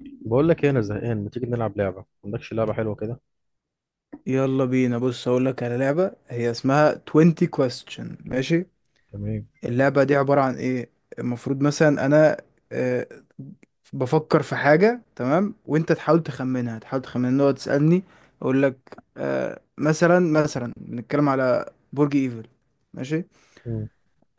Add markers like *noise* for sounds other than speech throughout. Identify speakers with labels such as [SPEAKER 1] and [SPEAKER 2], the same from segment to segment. [SPEAKER 1] بقول لك ايه؟ انا زهقان. ما تيجي نلعب لعبه؟ ما عندكش لعبه حلوه كده؟
[SPEAKER 2] يلا بينا. بص، هقول لك على لعبة هي اسمها 20 question، ماشي؟
[SPEAKER 1] تمام.
[SPEAKER 2] اللعبة دي عبارة عن ايه؟ المفروض مثلا انا آه، بفكر في حاجة، تمام؟ وانت تحاول تخمنها، نقعد تسألني، اقول لك. مثلا بنتكلم على برج ايفل، ماشي؟
[SPEAKER 1] مم.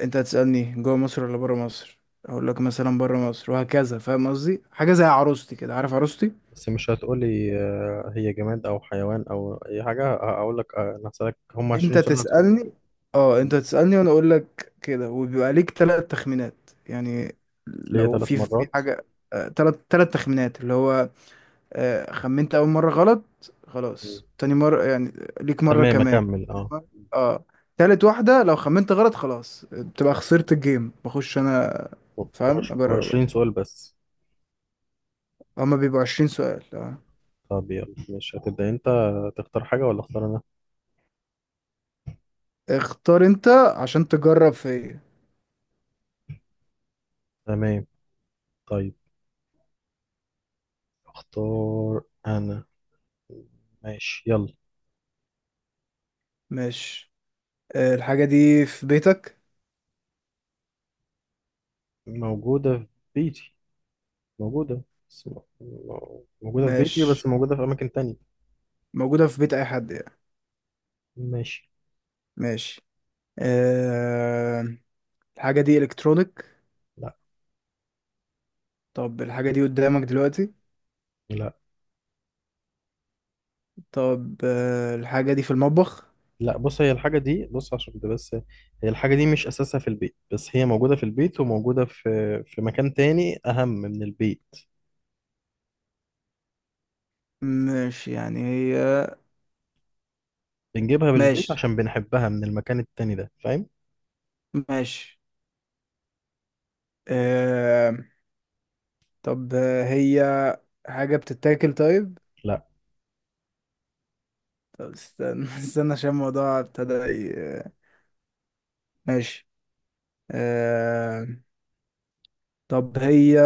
[SPEAKER 2] انت هتسألني جوه مصر ولا بره مصر، اقول لك مثلا بره مصر، وهكذا. فاهم قصدي؟ حاجة زي عروستي كده، عارف عروستي؟
[SPEAKER 1] بس مش هتقولي هي جماد او حيوان او اي حاجه. هقول لك انا هسالك. هم
[SPEAKER 2] انت
[SPEAKER 1] 20 سؤال، أنا هسألهم
[SPEAKER 2] تسألني، اه انت تسألني وانا اقول لك كده، وبيبقى ليك 3 تخمينات يعني.
[SPEAKER 1] ليا
[SPEAKER 2] لو
[SPEAKER 1] ثلاث
[SPEAKER 2] في
[SPEAKER 1] مرات
[SPEAKER 2] حاجة، ثلاث تخمينات، اللي هو خمنت اول مرة غلط،
[SPEAKER 1] مم.
[SPEAKER 2] خلاص تاني مرة يعني، ليك مرة
[SPEAKER 1] تمام
[SPEAKER 2] كمان.
[SPEAKER 1] اكمل
[SPEAKER 2] تاني
[SPEAKER 1] اه.
[SPEAKER 2] مرة- اه، تالت واحدة لو خمنت غلط خلاص بتبقى خسرت الجيم. بخش انا، فاهم؟ اجرب.
[SPEAKER 1] و20 سؤال بس؟
[SPEAKER 2] هما بيبقوا 20 سؤال، اه.
[SPEAKER 1] طب يلا، مش هتبدا انت؟ تختار حاجه ولا اختار انا؟
[SPEAKER 2] اختار انت عشان تجرب فيا.
[SPEAKER 1] تمام. طيب اختار انا. ماشي يلا.
[SPEAKER 2] ماشي. الحاجة دي في بيتك؟
[SPEAKER 1] موجوده في بيتي. موجوده. بس- موجوده في بيتي، بس
[SPEAKER 2] ماشي.
[SPEAKER 1] موجوده في اماكن تانية.
[SPEAKER 2] موجودة في بيت أي حد يعني؟
[SPEAKER 1] ماشي.
[SPEAKER 2] ماشي. أه... الحاجة دي إلكترونيك؟
[SPEAKER 1] لا.
[SPEAKER 2] طب الحاجة دي قدامك دلوقتي؟
[SPEAKER 1] لا.
[SPEAKER 2] طب الحاجة دي في المطبخ؟
[SPEAKER 1] لا، بص هي الحاجة دي، بص عشان كده بس. هي الحاجة دي مش أساسها في البيت، بس هي موجودة في البيت، وموجودة في مكان تاني أهم من البيت.
[SPEAKER 2] ماشي يعني هي.
[SPEAKER 1] بنجيبها بالبيت
[SPEAKER 2] ماشي
[SPEAKER 1] عشان بنحبها من المكان التاني ده، فاهم؟
[SPEAKER 2] ماشي. أه... طب هي حاجة بتتاكل؟ طيب.
[SPEAKER 1] لا.
[SPEAKER 2] طب استنى *laughs* استنى عشان الموضوع ابتدى ماشي. أه... طب هي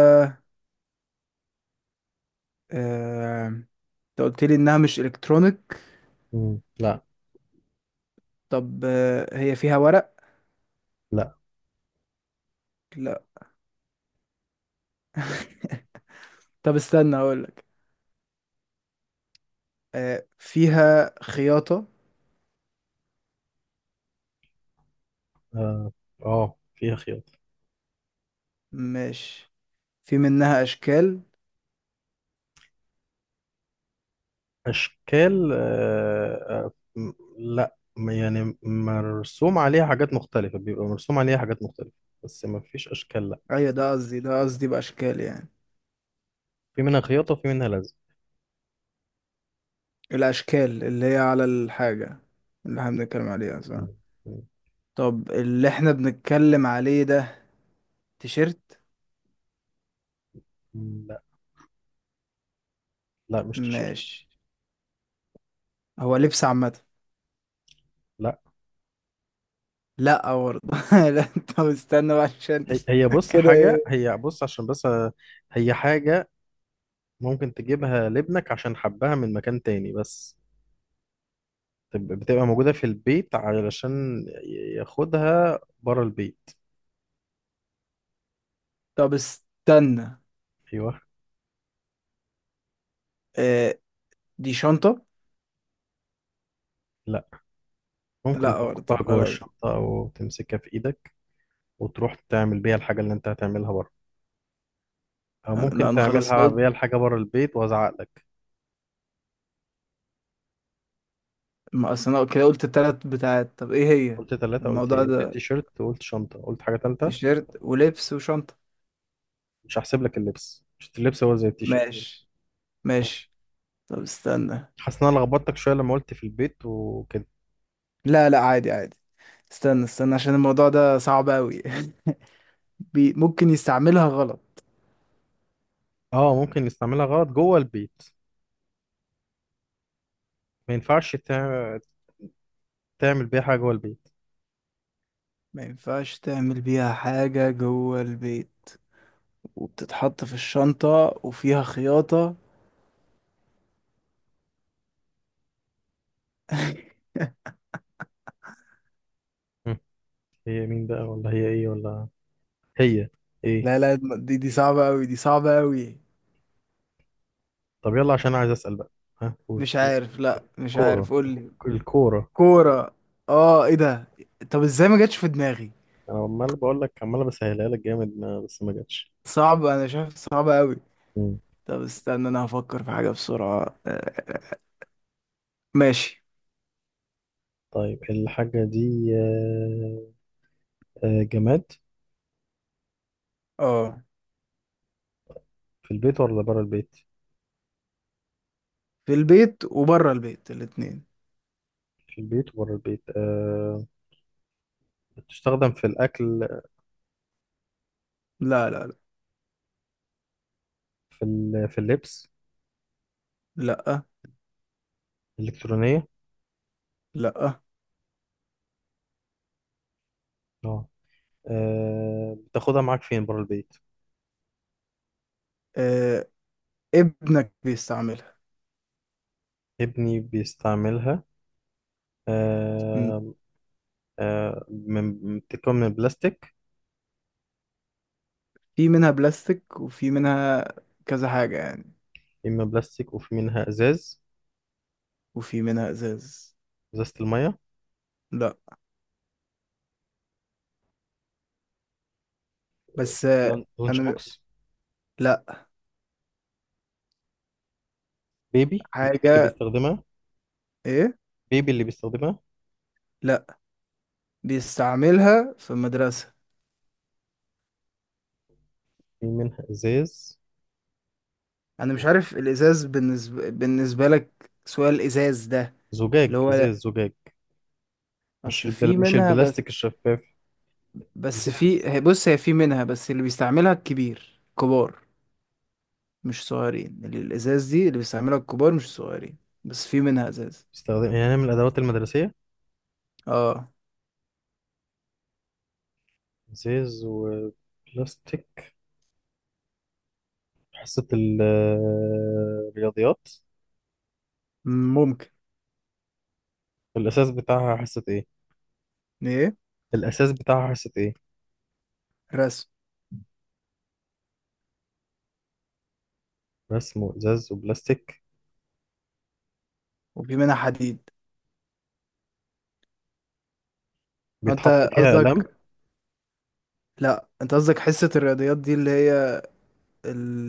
[SPEAKER 2] أه... انت قلت لي انها مش الكترونيك.
[SPEAKER 1] مم. لا.
[SPEAKER 2] طب هي فيها ورق؟
[SPEAKER 1] لا.
[SPEAKER 2] لا. طب استنى اقول، فيها خياطة؟
[SPEAKER 1] آه. آه، فيها خياطة.
[SPEAKER 2] مش في منها أشكال؟
[SPEAKER 1] أشكال آه آه. م- لا، يعني مرسوم عليها حاجات مختلفة، بيبقى مرسوم عليها حاجات مختلفة، بس ما فيش أشكال، لا.
[SPEAKER 2] أيوة، ده قصدي بأشكال يعني.
[SPEAKER 1] في منها خياطة وفي منها لزق.
[SPEAKER 2] الأشكال اللي هي على الحاجة اللي احنا بنتكلم عليها، صح؟
[SPEAKER 1] مم.
[SPEAKER 2] طب اللي احنا بنتكلم عليه ده تيشيرت؟
[SPEAKER 1] مم. لا. لا مش تيشيرت.
[SPEAKER 2] ماشي. هو لبس عامة؟ لا برضه *laughs* لا. طب استنى بقى عشان...
[SPEAKER 1] هي
[SPEAKER 2] *laughs*
[SPEAKER 1] بص
[SPEAKER 2] كده
[SPEAKER 1] حاجة،
[SPEAKER 2] ايه.
[SPEAKER 1] هي بص عشان بس هي حاجة ممكن تجيبها لابنك عشان حبها من مكان تاني بس. بتبقى موجودة في البيت علشان ياخدها بره البيت.
[SPEAKER 2] طب استنى.
[SPEAKER 1] أيوه.
[SPEAKER 2] آه، دي شنطة؟
[SPEAKER 1] لا، ممكن
[SPEAKER 2] لا برضه،
[SPEAKER 1] تحطها جوه
[SPEAKER 2] خلاص.
[SPEAKER 1] الشنطة أو تمسكها في إيدك، وتروح تعمل بيها الحاجة اللي أنت هتعملها بره، أو
[SPEAKER 2] لا
[SPEAKER 1] ممكن
[SPEAKER 2] انا خلاص، انا
[SPEAKER 1] تعملها
[SPEAKER 2] قلت.
[SPEAKER 1] بيها الحاجة بره البيت وأزعق لك.
[SPEAKER 2] ما اصل انا كده قلت التلات بتاعت. طب ايه هي؟
[SPEAKER 1] قلت ثلاثة، قلت
[SPEAKER 2] الموضوع
[SPEAKER 1] إيه؟ قلت
[SPEAKER 2] ده
[SPEAKER 1] التيشيرت، قلت شنطة، قلت حاجة تالتة.
[SPEAKER 2] تيشيرت ولبس وشنطة.
[SPEAKER 1] مش هحسب لك اللبس، مش اللبس هو زي التيشيرت.
[SPEAKER 2] ماشي ماشي. طب استنى.
[SPEAKER 1] حاسس إن أنا لخبطتك شوية لما قلت في البيت وكده.
[SPEAKER 2] لا لا، عادي عادي. استنى استنى عشان الموضوع ده صعب أوي. *laughs* بي ممكن يستعملها غلط.
[SPEAKER 1] اه، ممكن نستعملها غلط جوه البيت. ما ينفعش تعمل بيها حاجه جوه البيت.
[SPEAKER 2] ما ينفعش تعمل بيها حاجة جوه البيت، وبتتحط في الشنطة وفيها خياطة. *laughs*
[SPEAKER 1] مم. هي مين بقى، ولا هي ايه، ولا هي ايه؟
[SPEAKER 2] لا لا، دي صعبة أوي، دي صعبة أوي.
[SPEAKER 1] طب يلا، عشان عايز اسال بقى. ها قول.
[SPEAKER 2] مش عارف، لا مش
[SPEAKER 1] كوره.
[SPEAKER 2] عارف، قولي.
[SPEAKER 1] الكوره.
[SPEAKER 2] كورة! اه، ايه ده. طب ازاي ما جاتش في دماغي!
[SPEAKER 1] انا عمال بقول لك، عمال بسهلها لك جامد، ما بس ما جاتش.
[SPEAKER 2] صعب، انا شايف صعب أوي.
[SPEAKER 1] مم.
[SPEAKER 2] طب استنى، انا هفكر في حاجة بسرعة. ماشي.
[SPEAKER 1] طيب الحاجه دي جماد؟
[SPEAKER 2] اه.
[SPEAKER 1] في البيت ولا بره البيت؟
[SPEAKER 2] في البيت وبره البيت الاتنين.
[SPEAKER 1] في البيت وبره البيت بتستخدم في الاكل؟
[SPEAKER 2] لا لا لا.
[SPEAKER 1] في اللبس؟
[SPEAKER 2] لا.
[SPEAKER 1] الالكترونيه؟
[SPEAKER 2] لا
[SPEAKER 1] اه. بتاخدها معاك فين بره البيت؟
[SPEAKER 2] آه، ابنك بيستعملها.
[SPEAKER 1] ابني بيستعملها.
[SPEAKER 2] مم.
[SPEAKER 1] آه، بتبقى من بلاستيك؟
[SPEAKER 2] في منها بلاستيك وفي منها كذا حاجة يعني.
[SPEAKER 1] إما بلاستيك وفي منها إزاز.
[SPEAKER 2] وفي منها ازاز.
[SPEAKER 1] إزازة المية.
[SPEAKER 2] لا. بس
[SPEAKER 1] لانش
[SPEAKER 2] انا.
[SPEAKER 1] بوكس.
[SPEAKER 2] لا.
[SPEAKER 1] بيبي اللي
[SPEAKER 2] حاجة.
[SPEAKER 1] بيستخدمها.
[SPEAKER 2] ايه؟
[SPEAKER 1] بيبي اللي بيستخدمها.
[SPEAKER 2] لا. بيستعملها في المدرسة.
[SPEAKER 1] في منها إزاز
[SPEAKER 2] انا مش
[SPEAKER 1] و-
[SPEAKER 2] عارف الازاز بالنسبة لك، سؤال الازاز ده
[SPEAKER 1] زجاج،
[SPEAKER 2] اللي هو، لا.
[SPEAKER 1] إزاز زجاج.
[SPEAKER 2] اصل في
[SPEAKER 1] مش
[SPEAKER 2] منها بس.
[SPEAKER 1] البلاستيك الشفاف.
[SPEAKER 2] بس
[SPEAKER 1] إزاز.
[SPEAKER 2] بص، هي في منها بس اللي بيستعملها الكبير، كبار، مش صغيرين. اللي الازاز دي اللي بيستعملها الكبار مش الصغيرين. بس في منها ازاز.
[SPEAKER 1] بيستخدم يعني من الأدوات المدرسية.
[SPEAKER 2] اه.
[SPEAKER 1] إزاز وبلاستيك. حصة ال- الرياضيات.
[SPEAKER 2] ممكن.
[SPEAKER 1] الأساس بتاعها حصة إيه؟
[SPEAKER 2] ايه.
[SPEAKER 1] الأساس بتاعها حصة إيه؟
[SPEAKER 2] رسم.
[SPEAKER 1] رسم وإزاز وبلاستيك.
[SPEAKER 2] وفي منها حديد.
[SPEAKER 1] بيتحط
[SPEAKER 2] انت
[SPEAKER 1] فيها أقلام.
[SPEAKER 2] قصدك، لا انت قصدك حصة الرياضيات دي اللي هي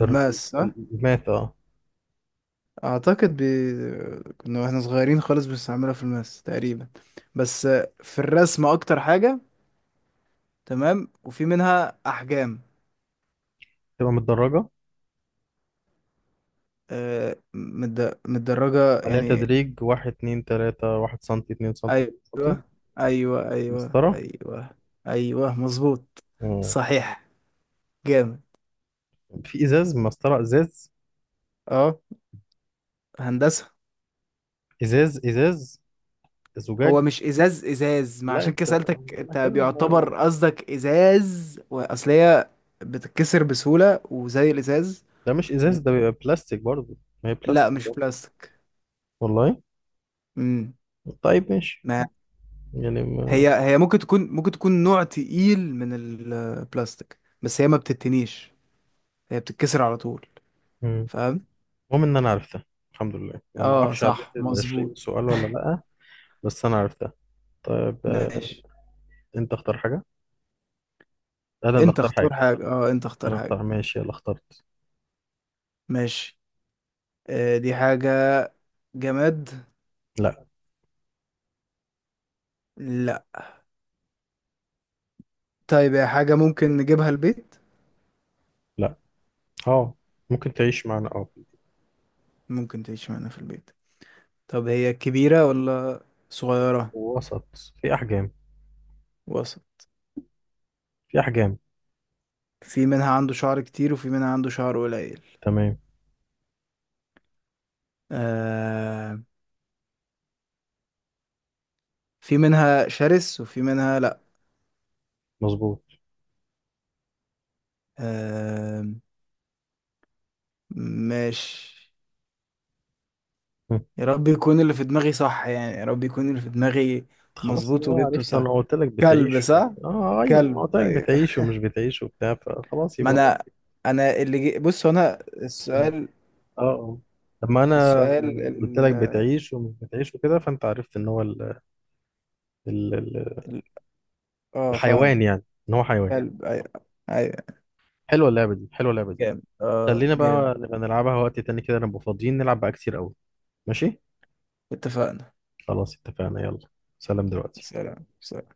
[SPEAKER 1] در-
[SPEAKER 2] صح؟
[SPEAKER 1] المات، اه.
[SPEAKER 2] اعتقد بي... كنا واحنا صغيرين خالص بنستعملها في الماس تقريبا. بس في الرسم اكتر حاجة. تمام، وفي منها احجام.
[SPEAKER 1] تبقى متدرجة.
[SPEAKER 2] متدرجة
[SPEAKER 1] عليها
[SPEAKER 2] يعني.
[SPEAKER 1] تدريج 1 2 3، واحد سنتي اتنين سنتي
[SPEAKER 2] ايوه
[SPEAKER 1] تلاتة سنتي
[SPEAKER 2] ايوه ايوه
[SPEAKER 1] مسطرة.
[SPEAKER 2] ايوه. ايوه مظبوط.
[SPEAKER 1] مم.
[SPEAKER 2] صحيح. جامد.
[SPEAKER 1] في إزاز، مسطرة إزاز.
[SPEAKER 2] اه، هندسة.
[SPEAKER 1] إزاز إزاز
[SPEAKER 2] هو
[SPEAKER 1] زجاج.
[SPEAKER 2] مش ازاز، ما
[SPEAKER 1] لا
[SPEAKER 2] عشان كده
[SPEAKER 1] أنت،
[SPEAKER 2] سألتك
[SPEAKER 1] أنا
[SPEAKER 2] انت
[SPEAKER 1] كده عمال أقول
[SPEAKER 2] بيعتبر
[SPEAKER 1] لك.
[SPEAKER 2] قصدك ازاز، واصل هي بتتكسر بسهولة وزي الازاز.
[SPEAKER 1] ده مش
[SPEAKER 2] و...
[SPEAKER 1] إزاز، ده بيبقى بلاستيك برضه. ما هي
[SPEAKER 2] لا
[SPEAKER 1] بلاستيك
[SPEAKER 2] مش
[SPEAKER 1] برضه.
[SPEAKER 2] بلاستيك.
[SPEAKER 1] والله.
[SPEAKER 2] امم
[SPEAKER 1] طيب ماشي.
[SPEAKER 2] ما
[SPEAKER 1] يعني ما.
[SPEAKER 2] هي ممكن تكون، نوع تقيل من البلاستيك بس هي ما بتتنيش، هي بتتكسر على طول.
[SPEAKER 1] مم.
[SPEAKER 2] فاهم؟
[SPEAKER 1] المهم إن أنا عرفتها، الحمد لله. أنا ما
[SPEAKER 2] اه
[SPEAKER 1] أعرفش عديت
[SPEAKER 2] صح،
[SPEAKER 1] ال 20
[SPEAKER 2] مظبوط.
[SPEAKER 1] سؤال ولا لأ، بس أنا عرفتها. طيب
[SPEAKER 2] ماشي.
[SPEAKER 1] أنت اختار حاجة؟ انا اللي
[SPEAKER 2] انت
[SPEAKER 1] اختار
[SPEAKER 2] اختار
[SPEAKER 1] حاجه؟
[SPEAKER 2] حاجة، اه انت اختار
[SPEAKER 1] انا
[SPEAKER 2] حاجة.
[SPEAKER 1] اختار. ماشي يلا، اخترت.
[SPEAKER 2] ماشي. دي حاجة جماد؟
[SPEAKER 1] لا.
[SPEAKER 2] لا. طيب هي حاجة ممكن نجيبها البيت؟
[SPEAKER 1] لا اه، ممكن تعيش معنا اه.
[SPEAKER 2] ممكن تعيش معانا في البيت. طب هي كبيرة ولا صغيرة؟
[SPEAKER 1] وسط. في احجام.
[SPEAKER 2] وسط.
[SPEAKER 1] في احجام.
[SPEAKER 2] في منها عنده شعر كتير وفي منها عنده شعر قليل.
[SPEAKER 1] تمام.
[SPEAKER 2] آه. في منها شرس وفي منها لا.
[SPEAKER 1] مظبوط.
[SPEAKER 2] آه ماشي.
[SPEAKER 1] هم.
[SPEAKER 2] يا رب يكون اللي في دماغي صح يعني، يا رب يكون اللي في دماغي.
[SPEAKER 1] خلاص
[SPEAKER 2] مظبوط
[SPEAKER 1] يبقى
[SPEAKER 2] وجبته
[SPEAKER 1] عرفت.
[SPEAKER 2] صح؟
[SPEAKER 1] انا قلت لك
[SPEAKER 2] كلب،
[SPEAKER 1] بتعيش ومش
[SPEAKER 2] صح؟
[SPEAKER 1] ايوه، انا قلت
[SPEAKER 2] كلب،
[SPEAKER 1] لك
[SPEAKER 2] أيوة.
[SPEAKER 1] بتعيش ومش بتعيش وبتاع، فخلاص
[SPEAKER 2] ما
[SPEAKER 1] يبقى هو.
[SPEAKER 2] انا انا اللي بص، هو انا
[SPEAKER 1] اه
[SPEAKER 2] السؤال.
[SPEAKER 1] اه، لما انا
[SPEAKER 2] السؤال
[SPEAKER 1] قلت
[SPEAKER 2] ال...
[SPEAKER 1] لك بتعيش ومش بتعيش وكده، فانت عرفت ان هو ال... ال-
[SPEAKER 2] ال... اه
[SPEAKER 1] الحيوان
[SPEAKER 2] فاهم.
[SPEAKER 1] يعني، ان هو حيوان.
[SPEAKER 2] جامد، قلب، ايوه. ايوه
[SPEAKER 1] حلوه اللعبه دي، حلوه اللعبه دي.
[SPEAKER 2] جامد، اه
[SPEAKER 1] خلينا بقى
[SPEAKER 2] جامد.
[SPEAKER 1] نبقى نلعبها وقت تاني كده، نبقى فاضيين نلعب بقى كتير قوي. ماشي.
[SPEAKER 2] اتفقنا.
[SPEAKER 1] خلاص اتفقنا يلا. سلام دلوقتي.
[SPEAKER 2] سلام سلام.